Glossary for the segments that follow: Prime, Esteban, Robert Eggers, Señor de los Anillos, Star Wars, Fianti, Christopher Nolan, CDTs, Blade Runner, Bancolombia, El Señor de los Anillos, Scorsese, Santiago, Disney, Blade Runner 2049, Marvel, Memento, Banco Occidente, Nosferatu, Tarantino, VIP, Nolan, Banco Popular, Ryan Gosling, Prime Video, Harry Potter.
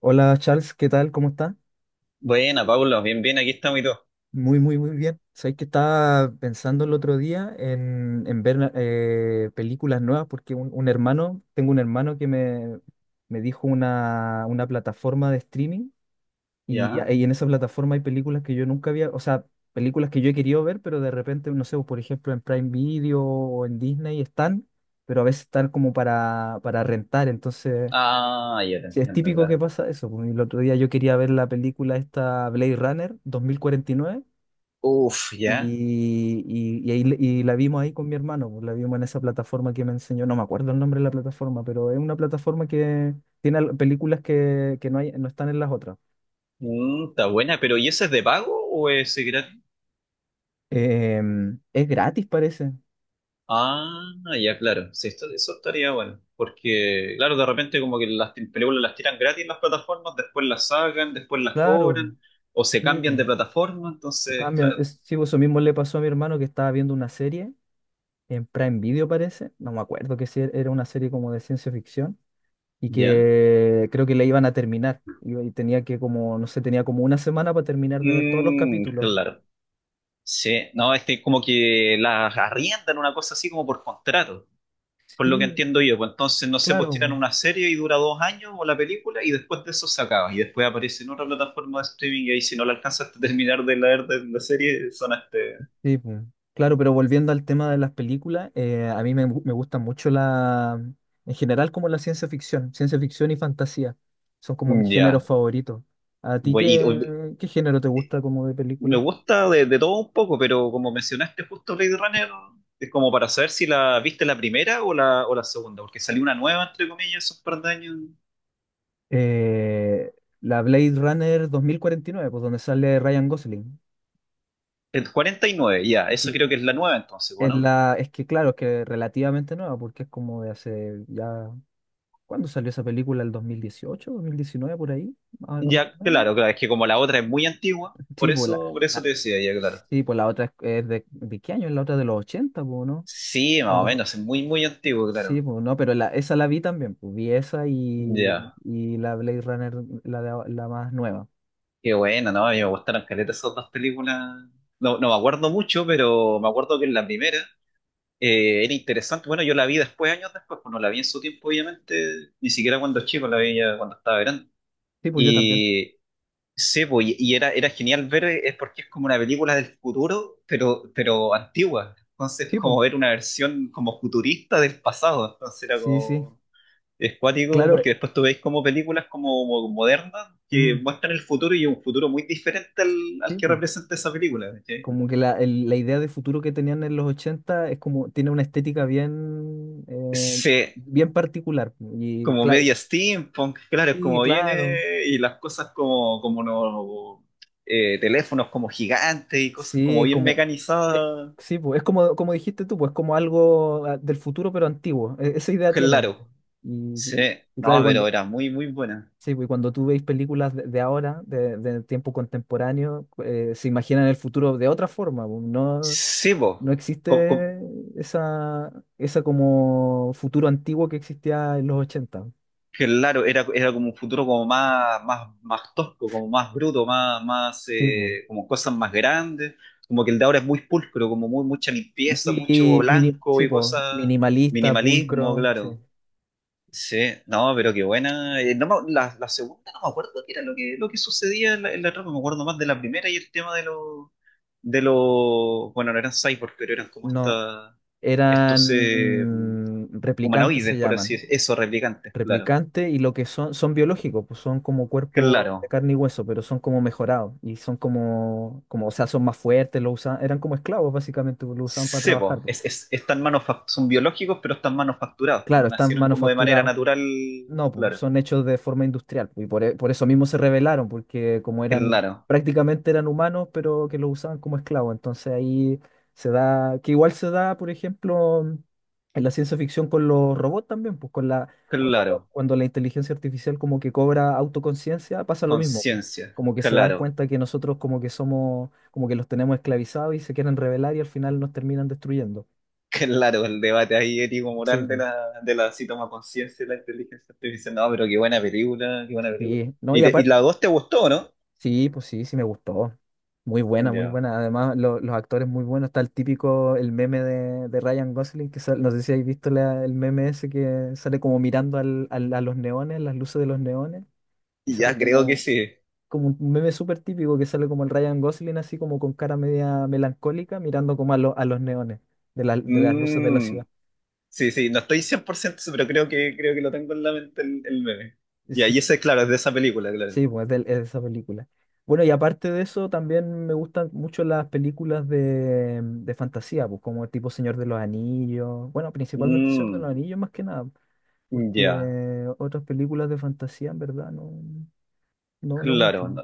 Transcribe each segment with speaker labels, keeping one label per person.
Speaker 1: Hola Charles, ¿qué tal? ¿Cómo está?
Speaker 2: Buena, Pablo, bien, bien, aquí estamos y todo.
Speaker 1: Muy, muy, muy bien. Sabéis que estaba pensando el otro día en ver películas nuevas porque un hermano, tengo un hermano que me dijo una plataforma de streaming
Speaker 2: ¿Ya?
Speaker 1: y en esa plataforma hay películas que yo nunca había, o sea, películas que yo he querido ver, pero de repente, no sé, por ejemplo, en Prime Video o en Disney están, pero a veces están como para rentar, entonces...
Speaker 2: Ah, ya te
Speaker 1: Sí, es
Speaker 2: entiendo,
Speaker 1: típico que
Speaker 2: claro.
Speaker 1: pasa eso. El otro día yo quería ver la película esta Blade Runner 2049
Speaker 2: Uf, ya.
Speaker 1: y la vimos ahí con mi hermano. La vimos en esa plataforma que me enseñó. No me acuerdo el nombre de la plataforma, pero es una plataforma que tiene películas que no hay, no están en las otras.
Speaker 2: Mm, está buena, pero ¿y ese es de pago o es gratis?
Speaker 1: Es gratis, parece.
Speaker 2: Ah, ya, claro. Sí, eso estaría bueno. Porque, claro, de repente como que las películas las tiran gratis en las plataformas, después las sacan, después las
Speaker 1: Claro,
Speaker 2: cobran, o se
Speaker 1: sí,
Speaker 2: cambian
Speaker 1: pues,
Speaker 2: de plataforma,
Speaker 1: se
Speaker 2: entonces,
Speaker 1: cambia.
Speaker 2: claro.
Speaker 1: Sí, pues, eso mismo le pasó a mi hermano que estaba viendo una serie en Prime Video, parece. No me acuerdo que si era una serie como de ciencia ficción, y
Speaker 2: ¿Ya?
Speaker 1: que creo que la iban a terminar. Y tenía que como, no sé, tenía como una semana para terminar de ver todos los
Speaker 2: Mm,
Speaker 1: capítulos.
Speaker 2: claro. Sí, no, es que como que las arriendan una cosa así como por contrato. Por lo que
Speaker 1: Sí,
Speaker 2: entiendo yo. Pues entonces, no sé,
Speaker 1: claro,
Speaker 2: pues tiran
Speaker 1: po.
Speaker 2: una serie y dura 2 años o la película y después de eso se acaba. Y después aparece en otra plataforma de streaming y ahí si no la alcanzas a terminar de leer de la serie.
Speaker 1: Sí, po. Claro, pero volviendo al tema de las películas, a mí me gusta mucho la, en general como la ciencia ficción y fantasía. Son como mis géneros
Speaker 2: Ya.
Speaker 1: favoritos. ¿A ti
Speaker 2: Bueno, y
Speaker 1: qué género te gusta como de
Speaker 2: me
Speaker 1: película?
Speaker 2: gusta de todo un poco, pero como mencionaste justo Blade Runner, es como para saber si la viste la primera o la segunda, porque salió una nueva, entre comillas, esos par de años.
Speaker 1: Eh, la Blade Runner 2049, pues, donde sale Ryan Gosling.
Speaker 2: El 49 ya, eso creo que es la nueva entonces, bueno.
Speaker 1: Es que claro, es que relativamente nueva, porque es como de hace ya. ¿Cuándo salió esa película? ¿El 2018? ¿2019 por ahí? Más
Speaker 2: Ya,
Speaker 1: o menos.
Speaker 2: claro, claro, es que como la otra es muy antigua, por
Speaker 1: Sí, pues
Speaker 2: eso,
Speaker 1: la,
Speaker 2: por eso
Speaker 1: ah,
Speaker 2: te decía, ya, claro.
Speaker 1: sí, pues la otra es ¿de qué año? Es la otra de los 80, pues, ¿no?
Speaker 2: Sí, más o
Speaker 1: Cuando,
Speaker 2: menos, es muy, muy antiguo,
Speaker 1: sí,
Speaker 2: claro.
Speaker 1: pues no, pero la, esa la vi también, pues vi esa
Speaker 2: Ya,
Speaker 1: y la Blade Runner, la, de, la más nueva.
Speaker 2: qué bueno, ¿no? A mí me gustaron caletas esas dos películas. No, no me acuerdo mucho, pero me acuerdo que en la primera era interesante. Bueno, yo la vi después, años después, pues no la vi en su tiempo, obviamente, ni siquiera cuando chico, la vi ya cuando estaba grande.
Speaker 1: Sí, pues yo también.
Speaker 2: Y sí, pues, y era genial ver, es porque es como una película del futuro, pero antigua. Entonces,
Speaker 1: Sí, pues,
Speaker 2: como ver una versión como futurista del pasado, entonces era
Speaker 1: sí, sí.
Speaker 2: como es cuático
Speaker 1: Claro,
Speaker 2: porque después tú veis como películas como, modernas que
Speaker 1: mm,
Speaker 2: muestran el futuro y un futuro muy diferente al
Speaker 1: sí,
Speaker 2: que
Speaker 1: pues.
Speaker 2: representa esa película. ¿Cachai?
Speaker 1: Como que la idea de futuro que tenían en los 80 es como, tiene una estética bien,
Speaker 2: Se,
Speaker 1: bien particular. Y
Speaker 2: Como
Speaker 1: claro,
Speaker 2: media steampunk, claro, es
Speaker 1: sí,
Speaker 2: como
Speaker 1: claro,
Speaker 2: viene y las cosas como no, teléfonos como gigantes y cosas como
Speaker 1: sí,
Speaker 2: bien
Speaker 1: como, es-
Speaker 2: mecanizadas.
Speaker 1: sí, pues, es como, como dijiste tú, pues como algo del futuro pero antiguo. Esa idea tienen.
Speaker 2: Claro,
Speaker 1: Y,
Speaker 2: sí,
Speaker 1: y y claro, y
Speaker 2: no, pero
Speaker 1: cuando,
Speaker 2: era muy, muy buena.
Speaker 1: sí, pues, y cuando tú veis películas de ahora, de tiempo contemporáneo, se imaginan el futuro de otra forma, pues, no,
Speaker 2: Sí, po.
Speaker 1: no
Speaker 2: Com- com-
Speaker 1: existe esa, esa como futuro antiguo que existía en los 80.
Speaker 2: Claro, era como un futuro como más, más, más tosco, como más bruto, más, más
Speaker 1: Sí, po.
Speaker 2: como cosas más grandes, como que el de ahora es muy pulcro, como muy, mucha limpieza, mucho blanco
Speaker 1: Sí,
Speaker 2: y
Speaker 1: po,
Speaker 2: cosas,
Speaker 1: minimalista,
Speaker 2: minimalismo,
Speaker 1: pulcro, sí.
Speaker 2: claro. Sí, no, pero qué buena. No me- La segunda no me acuerdo qué era lo que sucedía en la trama, me acuerdo más de la primera y el tema de los, bueno, no eran cyborgs, pero eran como
Speaker 1: No,
Speaker 2: estos
Speaker 1: eran replicantes, se
Speaker 2: humanoides, por así
Speaker 1: llaman.
Speaker 2: decirlo, eso, replicantes, claro.
Speaker 1: Replicantes, y lo que son, son biológicos, pues son como cuerpos de
Speaker 2: Claro.
Speaker 1: carne y hueso, pero son como mejorados y son como, como, o sea, son más fuertes, lo usan, eran como esclavos básicamente, pues, lo usaban para
Speaker 2: Sí,
Speaker 1: trabajar,
Speaker 2: po,
Speaker 1: pues.
Speaker 2: son biológicos, pero están manufacturados, porque
Speaker 1: Claro, están
Speaker 2: nacieron como de manera
Speaker 1: manufacturados.
Speaker 2: natural.
Speaker 1: No, pues,
Speaker 2: Claro,
Speaker 1: son hechos de forma industrial y por eso mismo se rebelaron, porque como eran,
Speaker 2: claro,
Speaker 1: prácticamente eran humanos, pero que los usaban como esclavos. Entonces ahí se da, que igual se da, por ejemplo, en la ciencia ficción con los robots también, pues con la,
Speaker 2: claro.
Speaker 1: cuando la inteligencia artificial como que cobra autoconciencia, pasa lo mismo, pues.
Speaker 2: Conciencia,
Speaker 1: Como que se dan
Speaker 2: claro,
Speaker 1: cuenta que nosotros como que somos, como que los tenemos esclavizados y se quieren rebelar y al final nos terminan destruyendo.
Speaker 2: claro. El debate ahí
Speaker 1: Sí,
Speaker 2: ético-moral de la si toma conciencia de la inteligencia artificial. No, pero qué buena película, qué buena película.
Speaker 1: sí, no,
Speaker 2: ¿Y,
Speaker 1: y
Speaker 2: te- y
Speaker 1: aparte
Speaker 2: la dos te gustó, no?
Speaker 1: sí, pues sí, sí me gustó. Muy buena, muy
Speaker 2: Ya.
Speaker 1: buena. Además, los actores muy buenos. Está el típico, el meme de Ryan Gosling, que no sé si habéis visto el meme ese que sale como mirando a los neones, las luces de los neones, y
Speaker 2: Y
Speaker 1: sale
Speaker 2: ya creo que
Speaker 1: como,
Speaker 2: sí.
Speaker 1: como un meme súper típico que sale como el Ryan Gosling así como con cara media melancólica, mirando como a, a los neones de, de las luces de la
Speaker 2: Mm,
Speaker 1: ciudad.
Speaker 2: sí, sí, no estoy 100%, pero creo que lo tengo en la mente el meme. Ya. Y ahí ese, claro, es de esa película, claro.
Speaker 1: Sí, pues es de esa película. Bueno, y aparte de eso, también me gustan mucho las películas de fantasía, pues como tipo Señor de los Anillos. Bueno, principalmente Señor de los
Speaker 2: Mm.
Speaker 1: Anillos más que nada,
Speaker 2: Ya,
Speaker 1: porque otras películas de fantasía en verdad no, no, no mucho.
Speaker 2: claro.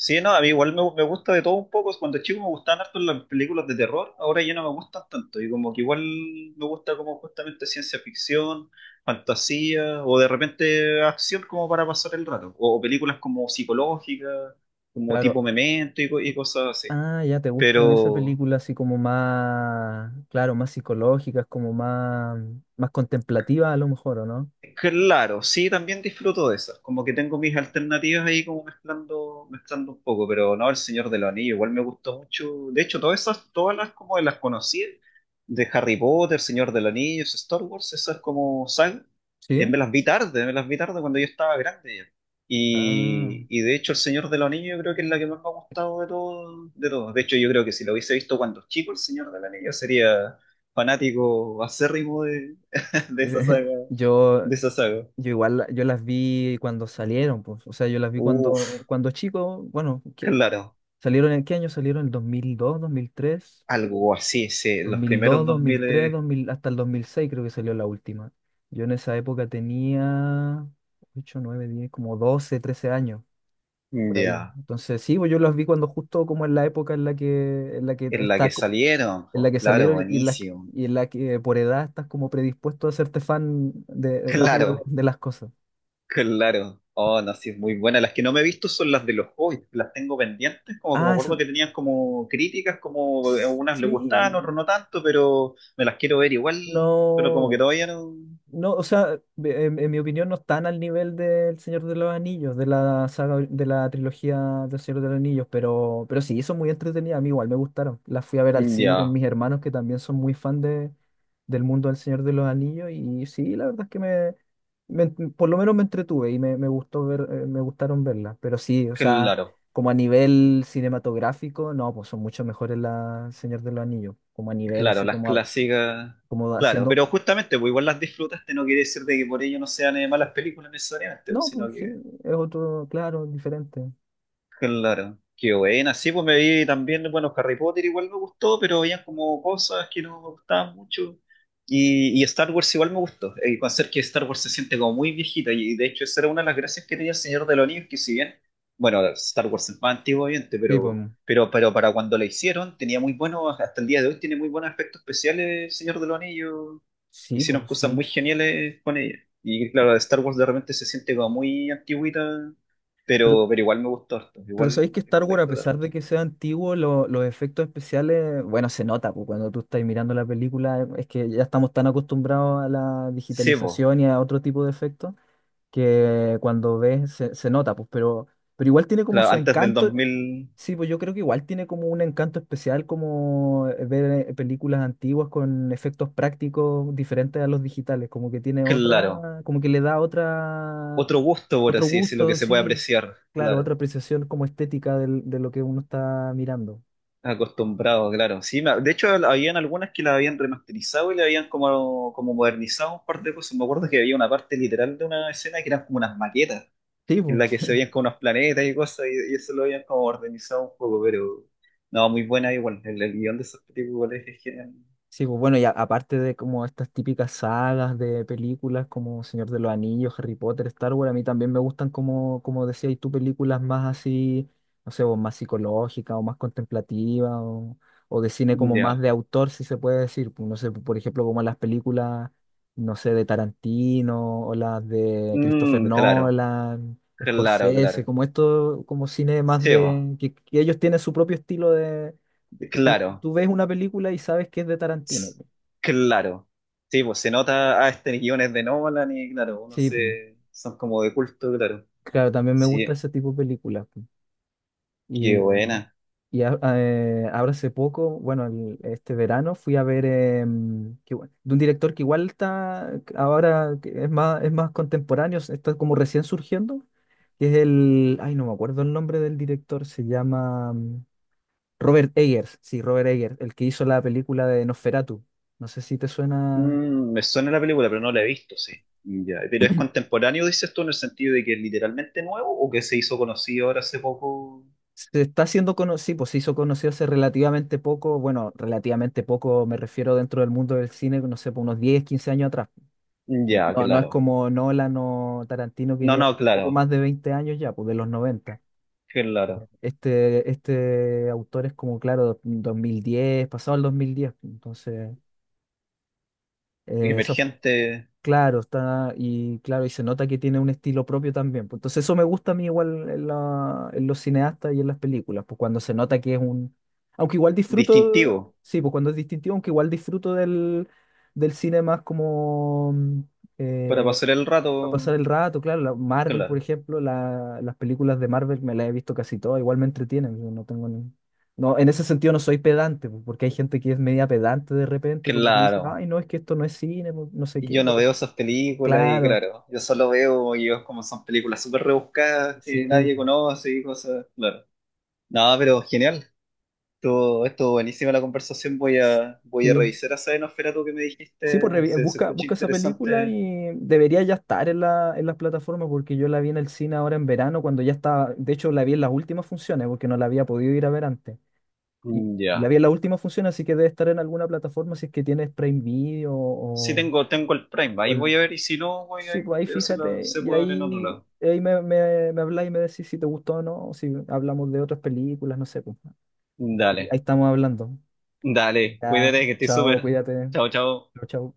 Speaker 2: Sí, no, a mí igual me gusta de todo un poco. Cuando chico me gustaban harto las películas de terror, ahora ya no me gustan tanto. Y como que igual me gusta como justamente ciencia ficción, fantasía, o de repente acción como para pasar el rato. O películas como psicológicas, como
Speaker 1: Claro.
Speaker 2: tipo Memento y cosas así.
Speaker 1: Ah, ya te gustan esas
Speaker 2: Pero.
Speaker 1: películas así como más, claro, más psicológicas, como más, más contemplativas a lo mejor, ¿o no?
Speaker 2: Claro, sí, también disfruto de esas. Como que tengo mis alternativas ahí como mezclando, mezclando un poco, pero no, El Señor de los Anillos, igual me gustó mucho. De hecho, todas esas, todas las como las conocí, de Harry Potter, Señor de los Anillos, Star Wars, esas como sagas,
Speaker 1: Sí.
Speaker 2: me las vi tarde cuando yo estaba grande ya.
Speaker 1: Ah.
Speaker 2: Y de hecho, El Señor de los Anillos yo creo que es la que más me ha gustado de todo, de todos. De hecho, yo creo que si lo hubiese visto cuando chico, El Señor de los Anillos, sería fanático acérrimo de esa saga
Speaker 1: Yo
Speaker 2: de esa saga.
Speaker 1: Yo igual, yo las vi cuando salieron, pues, o sea, yo las vi
Speaker 2: Uf,
Speaker 1: cuando chico, bueno, ¿qué?
Speaker 2: claro,
Speaker 1: ¿Salieron en qué año? ¿Salieron en el 2002, 2003? Sí, po.
Speaker 2: algo así, sí,
Speaker 1: dos
Speaker 2: los
Speaker 1: mil
Speaker 2: primeros
Speaker 1: dos, dos mil
Speaker 2: 2000
Speaker 1: tres, dos mil hasta el 2006 creo que salió la última. Yo en esa época tenía 8, 9, 10, como 12, 13 años, por ahí.
Speaker 2: ya,
Speaker 1: Entonces, sí, pues yo las vi cuando justo como en la época en la que
Speaker 2: en la que
Speaker 1: estás,
Speaker 2: salieron,
Speaker 1: en
Speaker 2: pues
Speaker 1: la que
Speaker 2: claro,
Speaker 1: salieron
Speaker 2: buenísimo,
Speaker 1: y en la que por edad estás como predispuesto a hacerte fan de, rápido
Speaker 2: claro,
Speaker 1: de las cosas.
Speaker 2: claro, oh, no, sí, es muy buena, las que no me he visto son las de los Hobbits, las tengo pendientes, como que me
Speaker 1: Ah,
Speaker 2: acuerdo que tenían como críticas, como a unas le gustaban, otras
Speaker 1: sí,
Speaker 2: no tanto, pero me las quiero ver igual, pero como que
Speaker 1: no,
Speaker 2: todavía no,
Speaker 1: no, o sea, en mi opinión no están al nivel del Señor de los Anillos, de la saga, de la trilogía del Señor de los Anillos, pero sí, son muy entretenidas, a mí igual me gustaron. Las fui a ver al
Speaker 2: mm,
Speaker 1: cine con
Speaker 2: ya,
Speaker 1: mis hermanos que también son muy fan de, del mundo del Señor de los Anillos y sí, la verdad es que me, por lo menos me entretuve y me gustó ver, me gustaron verlas, pero sí, o sea,
Speaker 2: claro.
Speaker 1: como a nivel cinematográfico, no, pues son mucho mejores las Señor de los Anillos, como a nivel
Speaker 2: Claro,
Speaker 1: así
Speaker 2: las
Speaker 1: como
Speaker 2: clásicas,
Speaker 1: como
Speaker 2: claro,
Speaker 1: haciendo.
Speaker 2: pero justamente, pues igual las disfrutaste, no quiere decir de que por ello no sean malas películas necesariamente, pues,
Speaker 1: No,
Speaker 2: sino
Speaker 1: pues sí,
Speaker 2: que.
Speaker 1: es otro, claro, diferente.
Speaker 2: Claro, qué buena. Sí, pues me vi también, bueno, Harry Potter igual me gustó, pero había como cosas que no me gustaban mucho. Y Star Wars igual me gustó. El con ser que Star Wars se siente como muy viejita, y de hecho esa era una de las gracias que tenía el Señor de los Anillos, que si bien, bueno, Star Wars es más antiguo, obviamente,
Speaker 1: Sí, pues
Speaker 2: pero,
Speaker 1: mm,
Speaker 2: pero, pero para cuando la hicieron, tenía muy buenos, hasta el día de hoy tiene muy buenos efectos especiales el Señor de los Anillos.
Speaker 1: sí,
Speaker 2: Hicieron
Speaker 1: pues
Speaker 2: cosas
Speaker 1: sí.
Speaker 2: muy geniales con ella. Y claro, Star Wars de repente se siente como muy antigüita
Speaker 1: Pero,
Speaker 2: pero igual me gustó harto,
Speaker 1: pero
Speaker 2: igual,
Speaker 1: sabéis que Star
Speaker 2: igual la
Speaker 1: Wars, a
Speaker 2: disfruté
Speaker 1: pesar
Speaker 2: harto.
Speaker 1: de que sea antiguo, los efectos especiales, bueno, se nota, pues cuando tú estás mirando la película, es que ya estamos tan acostumbrados a la
Speaker 2: Sí, pues,
Speaker 1: digitalización y a otro tipo de efectos, que cuando ves se nota, pues, pero igual tiene como
Speaker 2: claro,
Speaker 1: su
Speaker 2: antes del dos
Speaker 1: encanto.
Speaker 2: mil
Speaker 1: Sí, pues yo creo que igual tiene como un encanto especial como ver películas antiguas con efectos prácticos diferentes a los digitales, como que tiene
Speaker 2: claro.
Speaker 1: otra, como que le da otra,
Speaker 2: Otro gusto, por
Speaker 1: otro
Speaker 2: así decirlo, que
Speaker 1: gusto,
Speaker 2: se puede
Speaker 1: sí,
Speaker 2: apreciar,
Speaker 1: claro, otra
Speaker 2: claro.
Speaker 1: apreciación como estética de lo que uno está mirando.
Speaker 2: Acostumbrado, claro. Sí, de hecho, habían algunas que la habían remasterizado y le habían como modernizado un par de cosas. Me acuerdo que había una parte literal de una escena que eran como unas maquetas,
Speaker 1: Sí,
Speaker 2: en la
Speaker 1: pues.
Speaker 2: que se veían como unos planetas y cosas, y eso lo habían como modernizado un poco, pero no, muy buena igual. El guión de esos películas es genial.
Speaker 1: Sí, pues bueno, y aparte de como estas típicas sagas de películas como Señor de los Anillos, Harry Potter, Star Wars, a mí también me gustan como, como decías tú, películas más así, no sé, o más psicológicas o más contemplativas o de cine como más
Speaker 2: Ya.
Speaker 1: de autor, si se puede decir. Pues, no sé, pues, por ejemplo, como las películas, no sé, de Tarantino o las de Christopher
Speaker 2: Mm, claro,
Speaker 1: Nolan,
Speaker 2: claro,
Speaker 1: Scorsese,
Speaker 2: claro.
Speaker 1: como esto, como cine más
Speaker 2: Sí, bo.
Speaker 1: de, que ellos tienen su propio estilo, que
Speaker 2: Claro.
Speaker 1: tú ves una película y sabes que es de Tarantino,
Speaker 2: S-
Speaker 1: po.
Speaker 2: claro. Sí, pues se nota a este guiones de Nolan y claro,
Speaker 1: Sí, po.
Speaker 2: son como de culto, claro.
Speaker 1: Claro, también me gusta
Speaker 2: Sí,
Speaker 1: ese tipo de películas, po.
Speaker 2: qué
Speaker 1: Y,
Speaker 2: buena.
Speaker 1: Ahora hace poco, bueno, este verano fui a ver que de un director que igual está ahora, que es más contemporáneo, está como recién surgiendo, que es el, ay, no me acuerdo el nombre del director, se llama Robert Eggers, sí, Robert Eggers, el que hizo la película de Nosferatu. No sé si te suena.
Speaker 2: Mm, me suena la película, pero no la he visto, sí. Ya, pero es contemporáneo, dices tú, en el sentido de que es literalmente nuevo o que se hizo conocido ahora hace poco.
Speaker 1: Se está haciendo conocido, pues se hizo conocido hace relativamente poco, bueno, relativamente poco me refiero dentro del mundo del cine, no sé, por unos diez, 15 años atrás.
Speaker 2: Ya,
Speaker 1: No, no es
Speaker 2: claro.
Speaker 1: como Nolan o Tarantino que
Speaker 2: No, no,
Speaker 1: lleva poco
Speaker 2: claro,
Speaker 1: más de 20 años ya, pues de los 90.
Speaker 2: claro.
Speaker 1: Este autor es como, claro, 2010, pasado el 2010, pues, entonces, eso.
Speaker 2: Emergente,
Speaker 1: Claro, está, y claro, y se nota que tiene un estilo propio también, pues. Entonces eso me gusta a mí igual en en los cineastas y en las películas, pues cuando se nota que es un... Aunque igual disfruto,
Speaker 2: distintivo,
Speaker 1: sí, pues cuando es distintivo, aunque igual disfruto del, del cine más como
Speaker 2: para
Speaker 1: eh,
Speaker 2: pasar el
Speaker 1: para pasar
Speaker 2: rato,
Speaker 1: el rato, claro, Marvel, por
Speaker 2: claro,
Speaker 1: ejemplo, las películas de Marvel me las he visto casi todas, igual me entretienen, yo no tengo No, en ese sentido no soy pedante, pues, porque hay gente que es media pedante de repente, como que dice, ay,
Speaker 2: claro.
Speaker 1: no, es que esto no es cine, pues, no sé
Speaker 2: Y
Speaker 1: qué,
Speaker 2: yo no
Speaker 1: pero...
Speaker 2: veo esas películas y
Speaker 1: Claro,
Speaker 2: claro, yo solo veo ellos como son películas súper rebuscadas que
Speaker 1: sí,
Speaker 2: nadie conoce y cosas, claro. No, pero genial. Estuvo buenísima la conversación. Voy a
Speaker 1: sí.
Speaker 2: revisar esa Nosferatu que me
Speaker 1: Sí, pues
Speaker 2: dijiste. Se
Speaker 1: busca,
Speaker 2: escucha
Speaker 1: busca esa película
Speaker 2: interesante.
Speaker 1: y debería ya estar en la, en las plataformas porque yo la vi en el cine ahora en verano cuando ya estaba, de hecho la vi en las últimas funciones porque no la había podido ir a ver antes.
Speaker 2: Mm,
Speaker 1: Y la
Speaker 2: ya.
Speaker 1: vi en las últimas funciones, así que debe estar en alguna plataforma si es que tienes Prime Video
Speaker 2: Sí
Speaker 1: o,
Speaker 2: tengo el Prime.
Speaker 1: o
Speaker 2: Ahí
Speaker 1: el-
Speaker 2: voy a ver y si no, voy a
Speaker 1: sí, pues ahí
Speaker 2: veo si
Speaker 1: fíjate
Speaker 2: se
Speaker 1: y
Speaker 2: puede ver en otro
Speaker 1: ahí,
Speaker 2: lado.
Speaker 1: ahí me habláis y me decís si te gustó o no, o si hablamos de otras películas, no sé, pues ahí,
Speaker 2: Dale,
Speaker 1: ahí estamos hablando.
Speaker 2: dale.
Speaker 1: Ya,
Speaker 2: Cuídate que estoy
Speaker 1: chao,
Speaker 2: súper.
Speaker 1: cuídate.
Speaker 2: Chao, chao.
Speaker 1: Chao, chao.